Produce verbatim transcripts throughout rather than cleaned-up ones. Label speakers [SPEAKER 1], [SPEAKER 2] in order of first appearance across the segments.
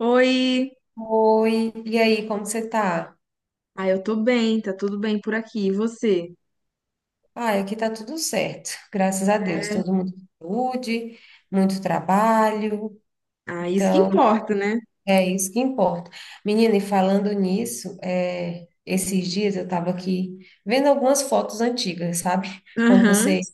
[SPEAKER 1] Oi!
[SPEAKER 2] Oi, e aí, como você tá?
[SPEAKER 1] Ah, eu tô bem, tá tudo bem por aqui. E você?
[SPEAKER 2] Ai, aqui tá tudo certo, graças a Deus.
[SPEAKER 1] É.
[SPEAKER 2] Todo mundo com saúde, muito trabalho,
[SPEAKER 1] Ah, isso que
[SPEAKER 2] então
[SPEAKER 1] importa, né?
[SPEAKER 2] é isso que importa. Menina, e falando nisso, é, esses dias eu tava aqui vendo algumas fotos antigas, sabe? Quando
[SPEAKER 1] Aham,
[SPEAKER 2] você,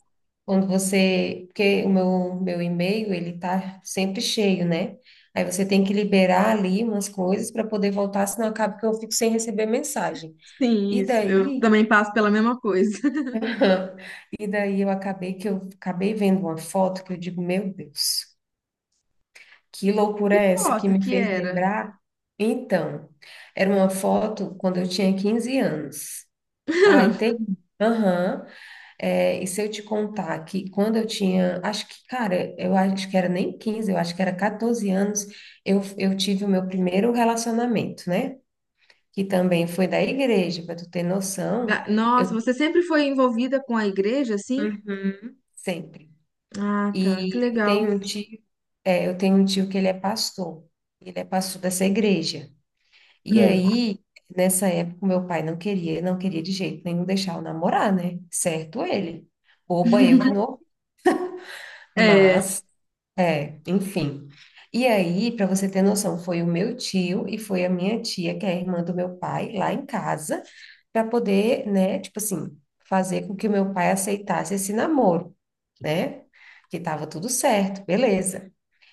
[SPEAKER 2] quando você, porque o meu, meu e-mail, ele tá sempre cheio, né? Aí você tem que liberar ali umas coisas para poder voltar, senão acaba que eu fico sem receber mensagem.
[SPEAKER 1] sim,
[SPEAKER 2] E
[SPEAKER 1] isso. Eu
[SPEAKER 2] daí
[SPEAKER 1] também passo pela mesma coisa.
[SPEAKER 2] Aham. E daí eu acabei que eu acabei vendo uma foto que eu digo, meu Deus, que loucura
[SPEAKER 1] Que
[SPEAKER 2] é essa que
[SPEAKER 1] foto
[SPEAKER 2] me
[SPEAKER 1] que
[SPEAKER 2] fez
[SPEAKER 1] era?
[SPEAKER 2] lembrar? Então, era uma foto quando eu tinha quinze anos. Ai, tem. Aham. É, e se eu te contar que quando eu tinha, acho que, cara, eu acho que era nem quinze eu acho que era catorze anos, eu, eu tive o meu primeiro relacionamento, né? Que também foi da igreja, para tu ter noção,
[SPEAKER 1] Da-
[SPEAKER 2] eu,
[SPEAKER 1] Nossa, você sempre foi envolvida com a igreja, assim?
[SPEAKER 2] Uhum, sempre.
[SPEAKER 1] Ah, tá, que
[SPEAKER 2] E eu
[SPEAKER 1] legal.
[SPEAKER 2] tenho um tio, é, eu tenho um tio que ele é pastor, ele é pastor dessa igreja. E
[SPEAKER 1] Hum.
[SPEAKER 2] aí, nessa época, o meu pai não queria, não queria de jeito nenhum deixar eu namorar, né? Certo ele. Boba eu que não,
[SPEAKER 1] É.
[SPEAKER 2] mas, é, enfim. E aí, para você ter noção, foi o meu tio e foi a minha tia, que é a irmã do meu pai, lá em casa, para poder, né, tipo assim, fazer com que o meu pai aceitasse esse namoro, né? Que tava tudo certo, beleza.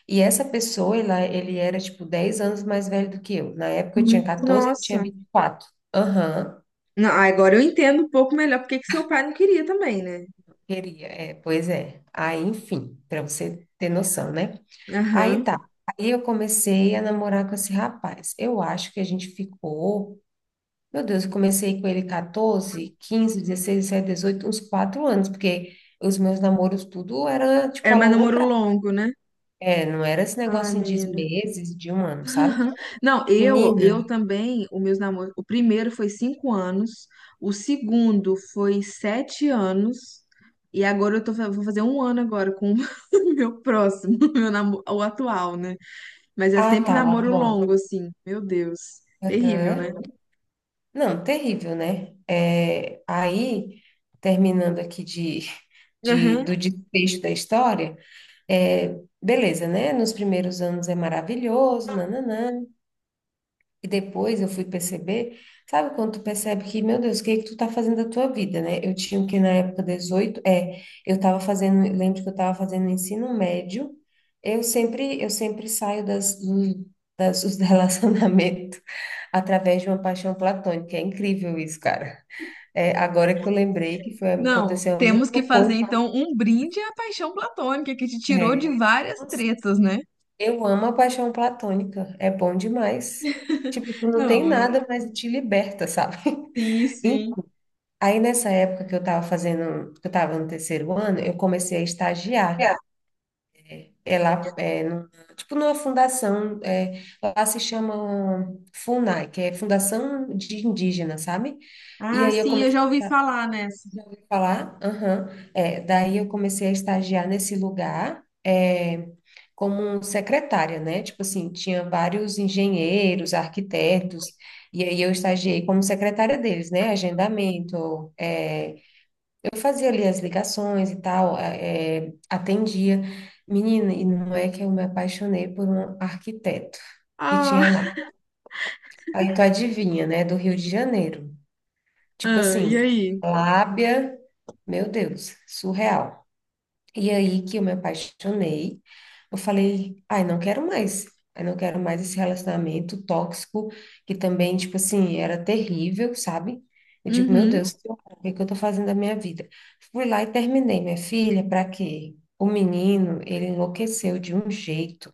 [SPEAKER 2] E essa pessoa, ela, ele era, tipo, dez anos mais velho do que eu. Na época eu tinha
[SPEAKER 1] Hum,
[SPEAKER 2] catorze, ele tinha
[SPEAKER 1] nossa.
[SPEAKER 2] vinte e quatro. Aham,
[SPEAKER 1] Não, agora eu entendo um pouco melhor porque que seu pai não queria também, né?
[SPEAKER 2] queria. É, pois é. Aí, enfim, para você ter noção, né? Aí
[SPEAKER 1] Aham.
[SPEAKER 2] tá. Aí eu comecei a namorar com esse rapaz. Eu acho que a gente ficou. Meu Deus, eu comecei com ele catorze, quinze, dezesseis, dezessete, dezoito, uns quatro anos, porque os meus namoros tudo era, tipo,
[SPEAKER 1] Era
[SPEAKER 2] a
[SPEAKER 1] mais
[SPEAKER 2] longo
[SPEAKER 1] namoro
[SPEAKER 2] prazo.
[SPEAKER 1] longo, né?
[SPEAKER 2] É, não era esse
[SPEAKER 1] Ai,
[SPEAKER 2] negócio de
[SPEAKER 1] menina.
[SPEAKER 2] meses, de um ano, sabe?
[SPEAKER 1] Não, eu eu
[SPEAKER 2] Menina.
[SPEAKER 1] também, o meus namoros, o primeiro foi cinco anos, o segundo foi sete anos, e agora eu tô, fa- vou fazer um ano agora com o meu próximo, meu namoro, o atual, né? Mas é
[SPEAKER 2] Ah,
[SPEAKER 1] sempre
[SPEAKER 2] tá, o
[SPEAKER 1] namoro
[SPEAKER 2] atual.
[SPEAKER 1] longo, assim, meu Deus, terrível, né?
[SPEAKER 2] Aham. Não, terrível, né? É, aí, terminando aqui de, de-
[SPEAKER 1] Aham.
[SPEAKER 2] do desfecho da história, é, beleza, né? Nos primeiros anos é maravilhoso, nananã, e depois eu fui perceber, sabe quando tu percebe que, meu Deus, o que é que tu tá fazendo da tua vida, né? Eu tinha o que na época dezoito, é, eu tava fazendo, lembro que eu tava fazendo ensino médio, eu sempre, eu sempre saio das, do- das, dos relacionamentos através de uma paixão platônica, é incrível isso, cara. É, agora que eu lembrei que foi,
[SPEAKER 1] Não,
[SPEAKER 2] aconteceu a
[SPEAKER 1] temos
[SPEAKER 2] mesma
[SPEAKER 1] que fazer
[SPEAKER 2] coisa.
[SPEAKER 1] então um brinde à paixão platônica que te tirou de
[SPEAKER 2] É.
[SPEAKER 1] várias
[SPEAKER 2] Nossa,
[SPEAKER 1] tretas, né?
[SPEAKER 2] eu amo a paixão platônica, é bom demais. Tipo, tu não tem
[SPEAKER 1] Não,
[SPEAKER 2] nada, mas te liberta, sabe?
[SPEAKER 1] sim,
[SPEAKER 2] E
[SPEAKER 1] sim.
[SPEAKER 2] aí nessa época que eu tava fazendo, que eu tava no terceiro ano, eu comecei a estagiar. É lá, é, num- tipo numa fundação, é, lá se chama FUNAI, que é Fundação de Indígenas, sabe? E
[SPEAKER 1] Ah,
[SPEAKER 2] aí eu
[SPEAKER 1] sim, eu
[SPEAKER 2] comecei
[SPEAKER 1] já ouvi falar nessa.
[SPEAKER 2] falar? Aham. É, daí eu comecei a estagiar nesse lugar, é, como secretária, né? Tipo assim, tinha vários engenheiros, arquitetos, e aí eu estagiei como secretária deles, né? Agendamento, é, eu fazia ali as ligações e tal, é, atendia. Menina, e não é que eu me apaixonei por um arquiteto que
[SPEAKER 1] Ah,
[SPEAKER 2] tinha lá. Aí tu adivinha, né? Do Rio de Janeiro. Tipo
[SPEAKER 1] ah, e
[SPEAKER 2] assim,
[SPEAKER 1] aí?
[SPEAKER 2] lábia, meu Deus, surreal. E aí que eu me apaixonei, eu falei, ai, não quero mais, ai, não quero mais esse relacionamento tóxico, que também, tipo assim, era terrível, sabe? Eu digo, meu
[SPEAKER 1] Uhum.
[SPEAKER 2] Deus, que horror, o que que eu tô fazendo da minha vida? Fui lá e terminei, minha filha, pra quê? O menino, ele enlouqueceu de um jeito.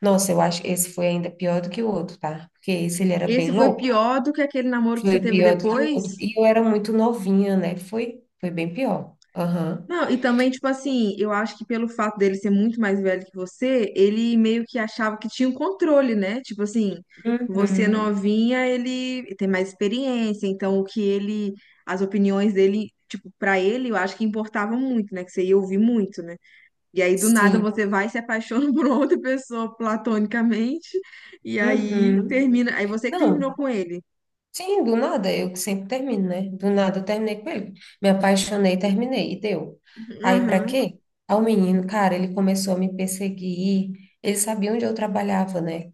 [SPEAKER 2] Nossa, eu acho que esse foi ainda pior do que o outro, tá? Porque esse ele era
[SPEAKER 1] Esse
[SPEAKER 2] bem
[SPEAKER 1] foi
[SPEAKER 2] louco,
[SPEAKER 1] pior do que aquele namoro que você
[SPEAKER 2] foi
[SPEAKER 1] teve
[SPEAKER 2] pior do que o
[SPEAKER 1] depois?
[SPEAKER 2] outro. E eu era muito novinha, né? Foi, foi bem pior. Aham.
[SPEAKER 1] Não, e também, tipo assim, eu acho que pelo fato dele ser muito mais velho que você, ele meio que achava que tinha um controle, né? Tipo assim, você
[SPEAKER 2] Uhum.
[SPEAKER 1] novinha, ele tem mais experiência, então o que ele, as opiniões dele, tipo, pra ele, eu acho que importava muito, né? Que você ia ouvir muito, né? E aí, do nada,
[SPEAKER 2] Sim.
[SPEAKER 1] você vai e se apaixona por outra pessoa platonicamente, e aí
[SPEAKER 2] Uhum.
[SPEAKER 1] termina, aí você que terminou
[SPEAKER 2] Não,
[SPEAKER 1] com ele.
[SPEAKER 2] sim, do nada, eu que sempre termino, né? Do nada eu terminei com ele. Me apaixonei, terminei, e deu. Aí pra
[SPEAKER 1] Aham.
[SPEAKER 2] quê? Aí o menino, cara, ele começou a me perseguir, ele sabia onde eu trabalhava, né?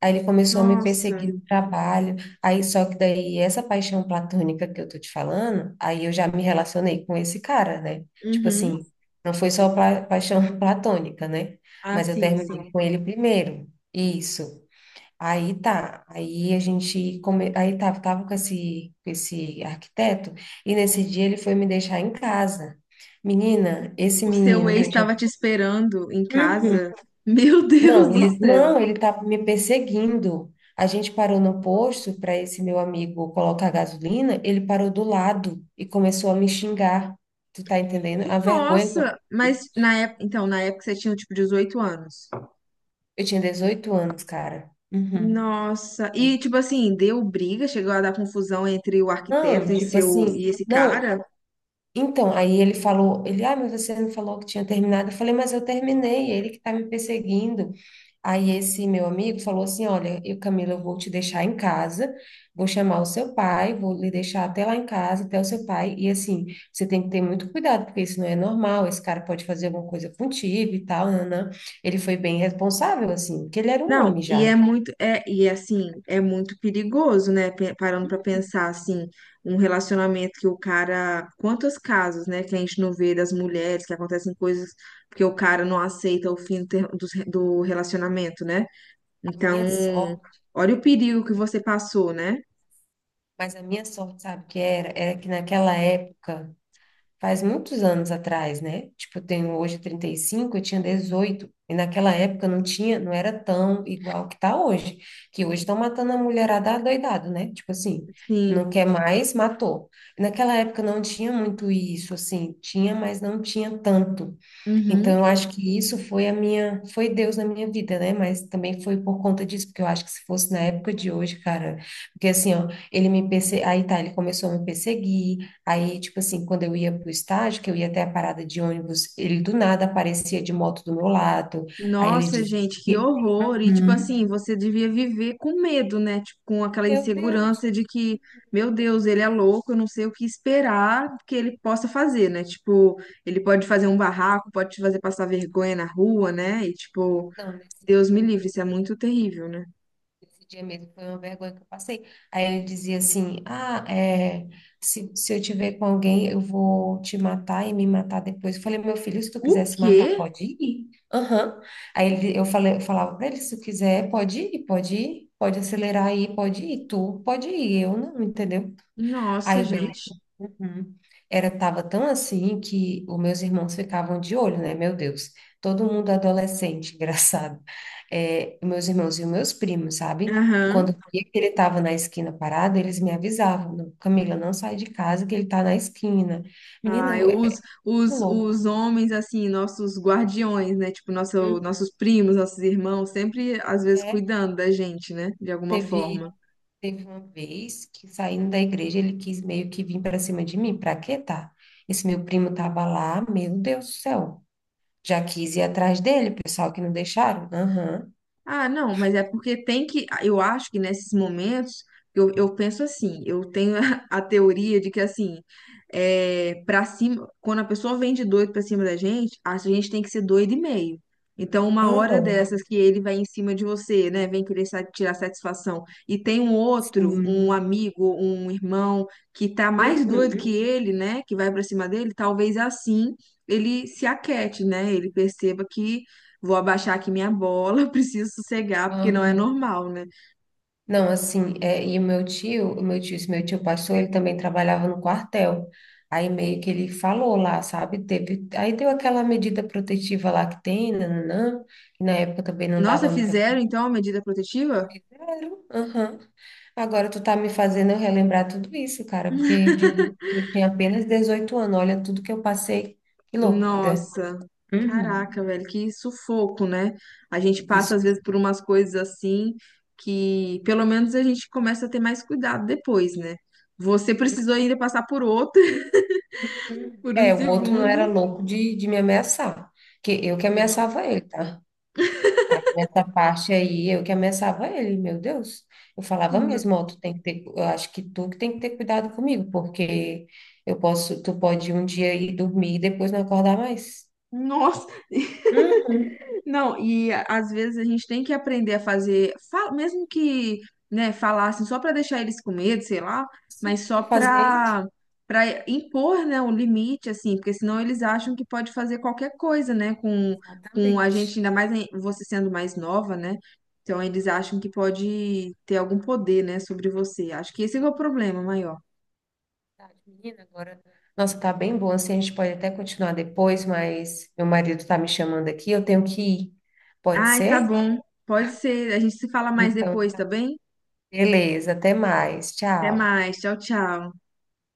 [SPEAKER 2] Aí ele começou a me
[SPEAKER 1] Nossa.
[SPEAKER 2] perseguir no trabalho, aí só que daí essa paixão platônica que eu tô te falando, aí eu já me relacionei com esse cara, né? Tipo
[SPEAKER 1] Uhum.
[SPEAKER 2] assim, não foi só pla- paixão platônica, né?
[SPEAKER 1] Ah,
[SPEAKER 2] Mas eu
[SPEAKER 1] sim,
[SPEAKER 2] terminei
[SPEAKER 1] sim.
[SPEAKER 2] com ele primeiro, isso. Aí tá, aí a gente, come... aí tava, tava com esse, com esse arquiteto, e nesse dia ele foi me deixar em casa. Menina, esse
[SPEAKER 1] O seu
[SPEAKER 2] menino que
[SPEAKER 1] ex
[SPEAKER 2] eu tinha.
[SPEAKER 1] estava te esperando em
[SPEAKER 2] Uhum.
[SPEAKER 1] casa. Meu Deus
[SPEAKER 2] Não,
[SPEAKER 1] do
[SPEAKER 2] ele
[SPEAKER 1] céu.
[SPEAKER 2] não, ele tava me perseguindo. A gente parou no posto para esse meu amigo colocar gasolina, ele parou do lado e começou a me xingar. Tu tá entendendo? A vergonha que eu
[SPEAKER 1] Nossa,
[SPEAKER 2] fiquei.
[SPEAKER 1] mas na época, então, na época você tinha tipo dezoito anos.
[SPEAKER 2] Eu tinha dezoito anos, cara. Uhum.
[SPEAKER 1] Nossa, e
[SPEAKER 2] dezoito
[SPEAKER 1] tipo
[SPEAKER 2] anos.
[SPEAKER 1] assim, deu briga, chegou a dar confusão entre o arquiteto
[SPEAKER 2] Não,
[SPEAKER 1] e
[SPEAKER 2] tipo
[SPEAKER 1] seu
[SPEAKER 2] assim,
[SPEAKER 1] e esse
[SPEAKER 2] não.
[SPEAKER 1] cara?
[SPEAKER 2] Então, aí ele falou, ele, ah, mas você não falou que tinha terminado. Eu falei, mas eu terminei, é ele que está me perseguindo. Aí esse meu amigo falou assim, olha, eu, Camila, eu vou te deixar em casa, vou chamar o seu pai, vou lhe deixar até lá em casa, até o seu pai. E assim, você tem que ter muito cuidado, porque isso não é normal, esse cara pode fazer alguma coisa contigo e tal, nanã. Ele foi bem responsável, assim, porque ele era um homem
[SPEAKER 1] Não, e
[SPEAKER 2] já,
[SPEAKER 1] é
[SPEAKER 2] né?
[SPEAKER 1] muito, é, e é assim, é muito perigoso, né? Pe- Parando pra pensar assim, um relacionamento que o cara, quantos casos, né, que a gente não vê das mulheres que acontecem coisas porque o cara não aceita o fim do, ter- dos re- do relacionamento, né?
[SPEAKER 2] A
[SPEAKER 1] Então,
[SPEAKER 2] minha sorte,
[SPEAKER 1] olha o perigo que você passou, né?
[SPEAKER 2] mas a minha sorte, sabe o que era? Era que naquela época faz muitos anos atrás, né? Tipo, eu tenho hoje trinta e cinco, eu tinha dezoito. E naquela época não tinha, não era tão igual que tá hoje. Que hoje estão matando a mulherada adoidado, né? Tipo assim, não
[SPEAKER 1] Sim.
[SPEAKER 2] quer mais, matou. E naquela época não tinha muito isso, assim, tinha, mas não tinha tanto.
[SPEAKER 1] Uhum.
[SPEAKER 2] Então, eu acho que isso foi a minha, foi Deus na minha vida, né? Mas também foi por conta disso, porque eu acho que se fosse na época de hoje, cara, porque assim, ó, ele me perse... aí tá, ele começou a me perseguir, aí, tipo assim, quando eu ia pro estágio, que eu ia até a parada de ônibus, ele do nada aparecia de moto do meu lado, aí ele
[SPEAKER 1] Nossa,
[SPEAKER 2] dizia.
[SPEAKER 1] gente, que horror! E tipo
[SPEAKER 2] Uhum.
[SPEAKER 1] assim, você devia viver com medo, né? Tipo, com aquela
[SPEAKER 2] Meu Deus,
[SPEAKER 1] insegurança de que, meu Deus, ele é louco, eu não sei o que esperar que ele possa fazer, né? Tipo, ele pode fazer um barraco, pode te fazer passar vergonha na rua, né? E tipo,
[SPEAKER 2] não, nesse
[SPEAKER 1] Deus
[SPEAKER 2] dia
[SPEAKER 1] me livre,
[SPEAKER 2] mesmo.
[SPEAKER 1] isso é muito terrível, né?
[SPEAKER 2] Esse dia mesmo foi uma vergonha que eu passei. Aí ele dizia assim: ah, é, se, se eu te ver com alguém, eu vou te matar e me matar depois. Eu falei, meu filho, se tu quiser
[SPEAKER 1] O
[SPEAKER 2] se matar,
[SPEAKER 1] quê?
[SPEAKER 2] pode ir. Aham. Aí ele, eu falei, eu falava pra ele: se tu quiser, pode ir, pode ir, pode acelerar aí, pode ir. Tu pode ir, eu não, entendeu?
[SPEAKER 1] Nossa,
[SPEAKER 2] Aí, beleza.
[SPEAKER 1] gente.
[SPEAKER 2] Uhum. Era, tava tão assim que os meus irmãos ficavam de olho, né? Meu Deus, todo mundo adolescente, engraçado. É, meus irmãos e os meus primos, sabe? Quando
[SPEAKER 1] Aham.
[SPEAKER 2] eu via que ele estava na esquina parado, eles me avisavam, "Não, Camila, não sai de casa que ele está na esquina." Menina,
[SPEAKER 1] Ai,
[SPEAKER 2] eu- é
[SPEAKER 1] os,
[SPEAKER 2] muito
[SPEAKER 1] os,
[SPEAKER 2] louco.
[SPEAKER 1] os homens, assim, nossos guardiões, né? Tipo, nosso,
[SPEAKER 2] Uhum.
[SPEAKER 1] nossos primos, nossos irmãos, sempre, às vezes,
[SPEAKER 2] É,
[SPEAKER 1] cuidando da gente, né? De alguma
[SPEAKER 2] teve,
[SPEAKER 1] forma.
[SPEAKER 2] teve uma vez que saindo da igreja, ele quis meio que vir para cima de mim. Pra quê, tá? Esse meu primo tava lá, meu Deus do céu. Já quis ir atrás dele, pessoal que não deixaram. Aham,
[SPEAKER 1] Ah, não, mas é porque tem que. Ah, eu acho que nesses momentos, eu, eu penso assim, eu tenho a, a teoria de que, assim, é, para cima, quando a pessoa vem de doido pra cima da gente, a gente tem que ser doido e meio. Então, uma hora
[SPEAKER 2] aham,
[SPEAKER 1] dessas que ele vai em cima de você, né, vem querer sa- tirar satisfação, e tem um outro, um
[SPEAKER 2] sim.
[SPEAKER 1] amigo, um irmão, que tá mais doido
[SPEAKER 2] Uhum,
[SPEAKER 1] que ele, né, que vai pra cima dele, talvez assim ele se aquete, né, ele perceba que vou abaixar aqui minha bola, preciso sossegar, porque não é
[SPEAKER 2] aham.
[SPEAKER 1] normal, né?
[SPEAKER 2] Não, assim, é, e o meu tio, o meu tio, esse meu tio pastor, ele também trabalhava no quartel. Aí meio que ele falou lá, sabe? Teve, aí deu aquela medida protetiva lá que tem, nananã, que na época também não
[SPEAKER 1] Nossa,
[SPEAKER 2] dava muita
[SPEAKER 1] fizeram então a medida protetiva?
[SPEAKER 2] coisa, zero. Aham. Agora tu tá me fazendo eu relembrar tudo isso, cara, porque eu digo, eu tinha apenas dezoito anos, olha tudo que eu passei, que loucura.
[SPEAKER 1] Nossa,
[SPEAKER 2] Uhum.
[SPEAKER 1] caraca, velho, que sufoco, né? A gente passa
[SPEAKER 2] Isso.
[SPEAKER 1] às vezes por umas coisas assim que pelo menos a gente começa a ter mais cuidado depois, né? Você precisou ainda passar por outra
[SPEAKER 2] Uhum.
[SPEAKER 1] por um
[SPEAKER 2] É, o outro não era
[SPEAKER 1] segundo.
[SPEAKER 2] louco de, de me ameaçar, que eu que
[SPEAKER 1] Sim.
[SPEAKER 2] ameaçava ele, tá? Aí, nessa parte aí, eu que ameaçava ele, meu Deus. Eu falava mesmo, ó, tu tem que ter, eu acho que tu que tem que ter cuidado comigo, porque eu posso, tu pode um dia ir dormir e depois não acordar mais.
[SPEAKER 1] Nossa.
[SPEAKER 2] Uhum,
[SPEAKER 1] Não, e às vezes a gente tem que aprender a fazer, fa- mesmo que, né, falassem só para deixar eles com medo, sei lá,
[SPEAKER 2] sim,
[SPEAKER 1] mas só
[SPEAKER 2] eu fazia isso.
[SPEAKER 1] para para impor, né, o limite, assim, porque senão eles acham que pode fazer qualquer coisa, né, com, com a
[SPEAKER 2] Exatamente.
[SPEAKER 1] gente, ainda mais em- você sendo mais nova, né? Então eles
[SPEAKER 2] Uhum.
[SPEAKER 1] acham que pode ter algum poder, né, sobre você. Acho que esse é o problema maior.
[SPEAKER 2] Tarde, Menina, agora. Nossa, tá bem bom. Assim, a gente pode até continuar depois, mas meu marido tá me chamando aqui, eu tenho que ir. Pode
[SPEAKER 1] Ai, tá
[SPEAKER 2] ser?
[SPEAKER 1] bom. Pode ser. A gente se fala mais
[SPEAKER 2] Então,
[SPEAKER 1] depois, tá
[SPEAKER 2] tá.
[SPEAKER 1] bem?
[SPEAKER 2] Beleza, até mais.
[SPEAKER 1] Até
[SPEAKER 2] Tchau.
[SPEAKER 1] mais. Tchau, tchau.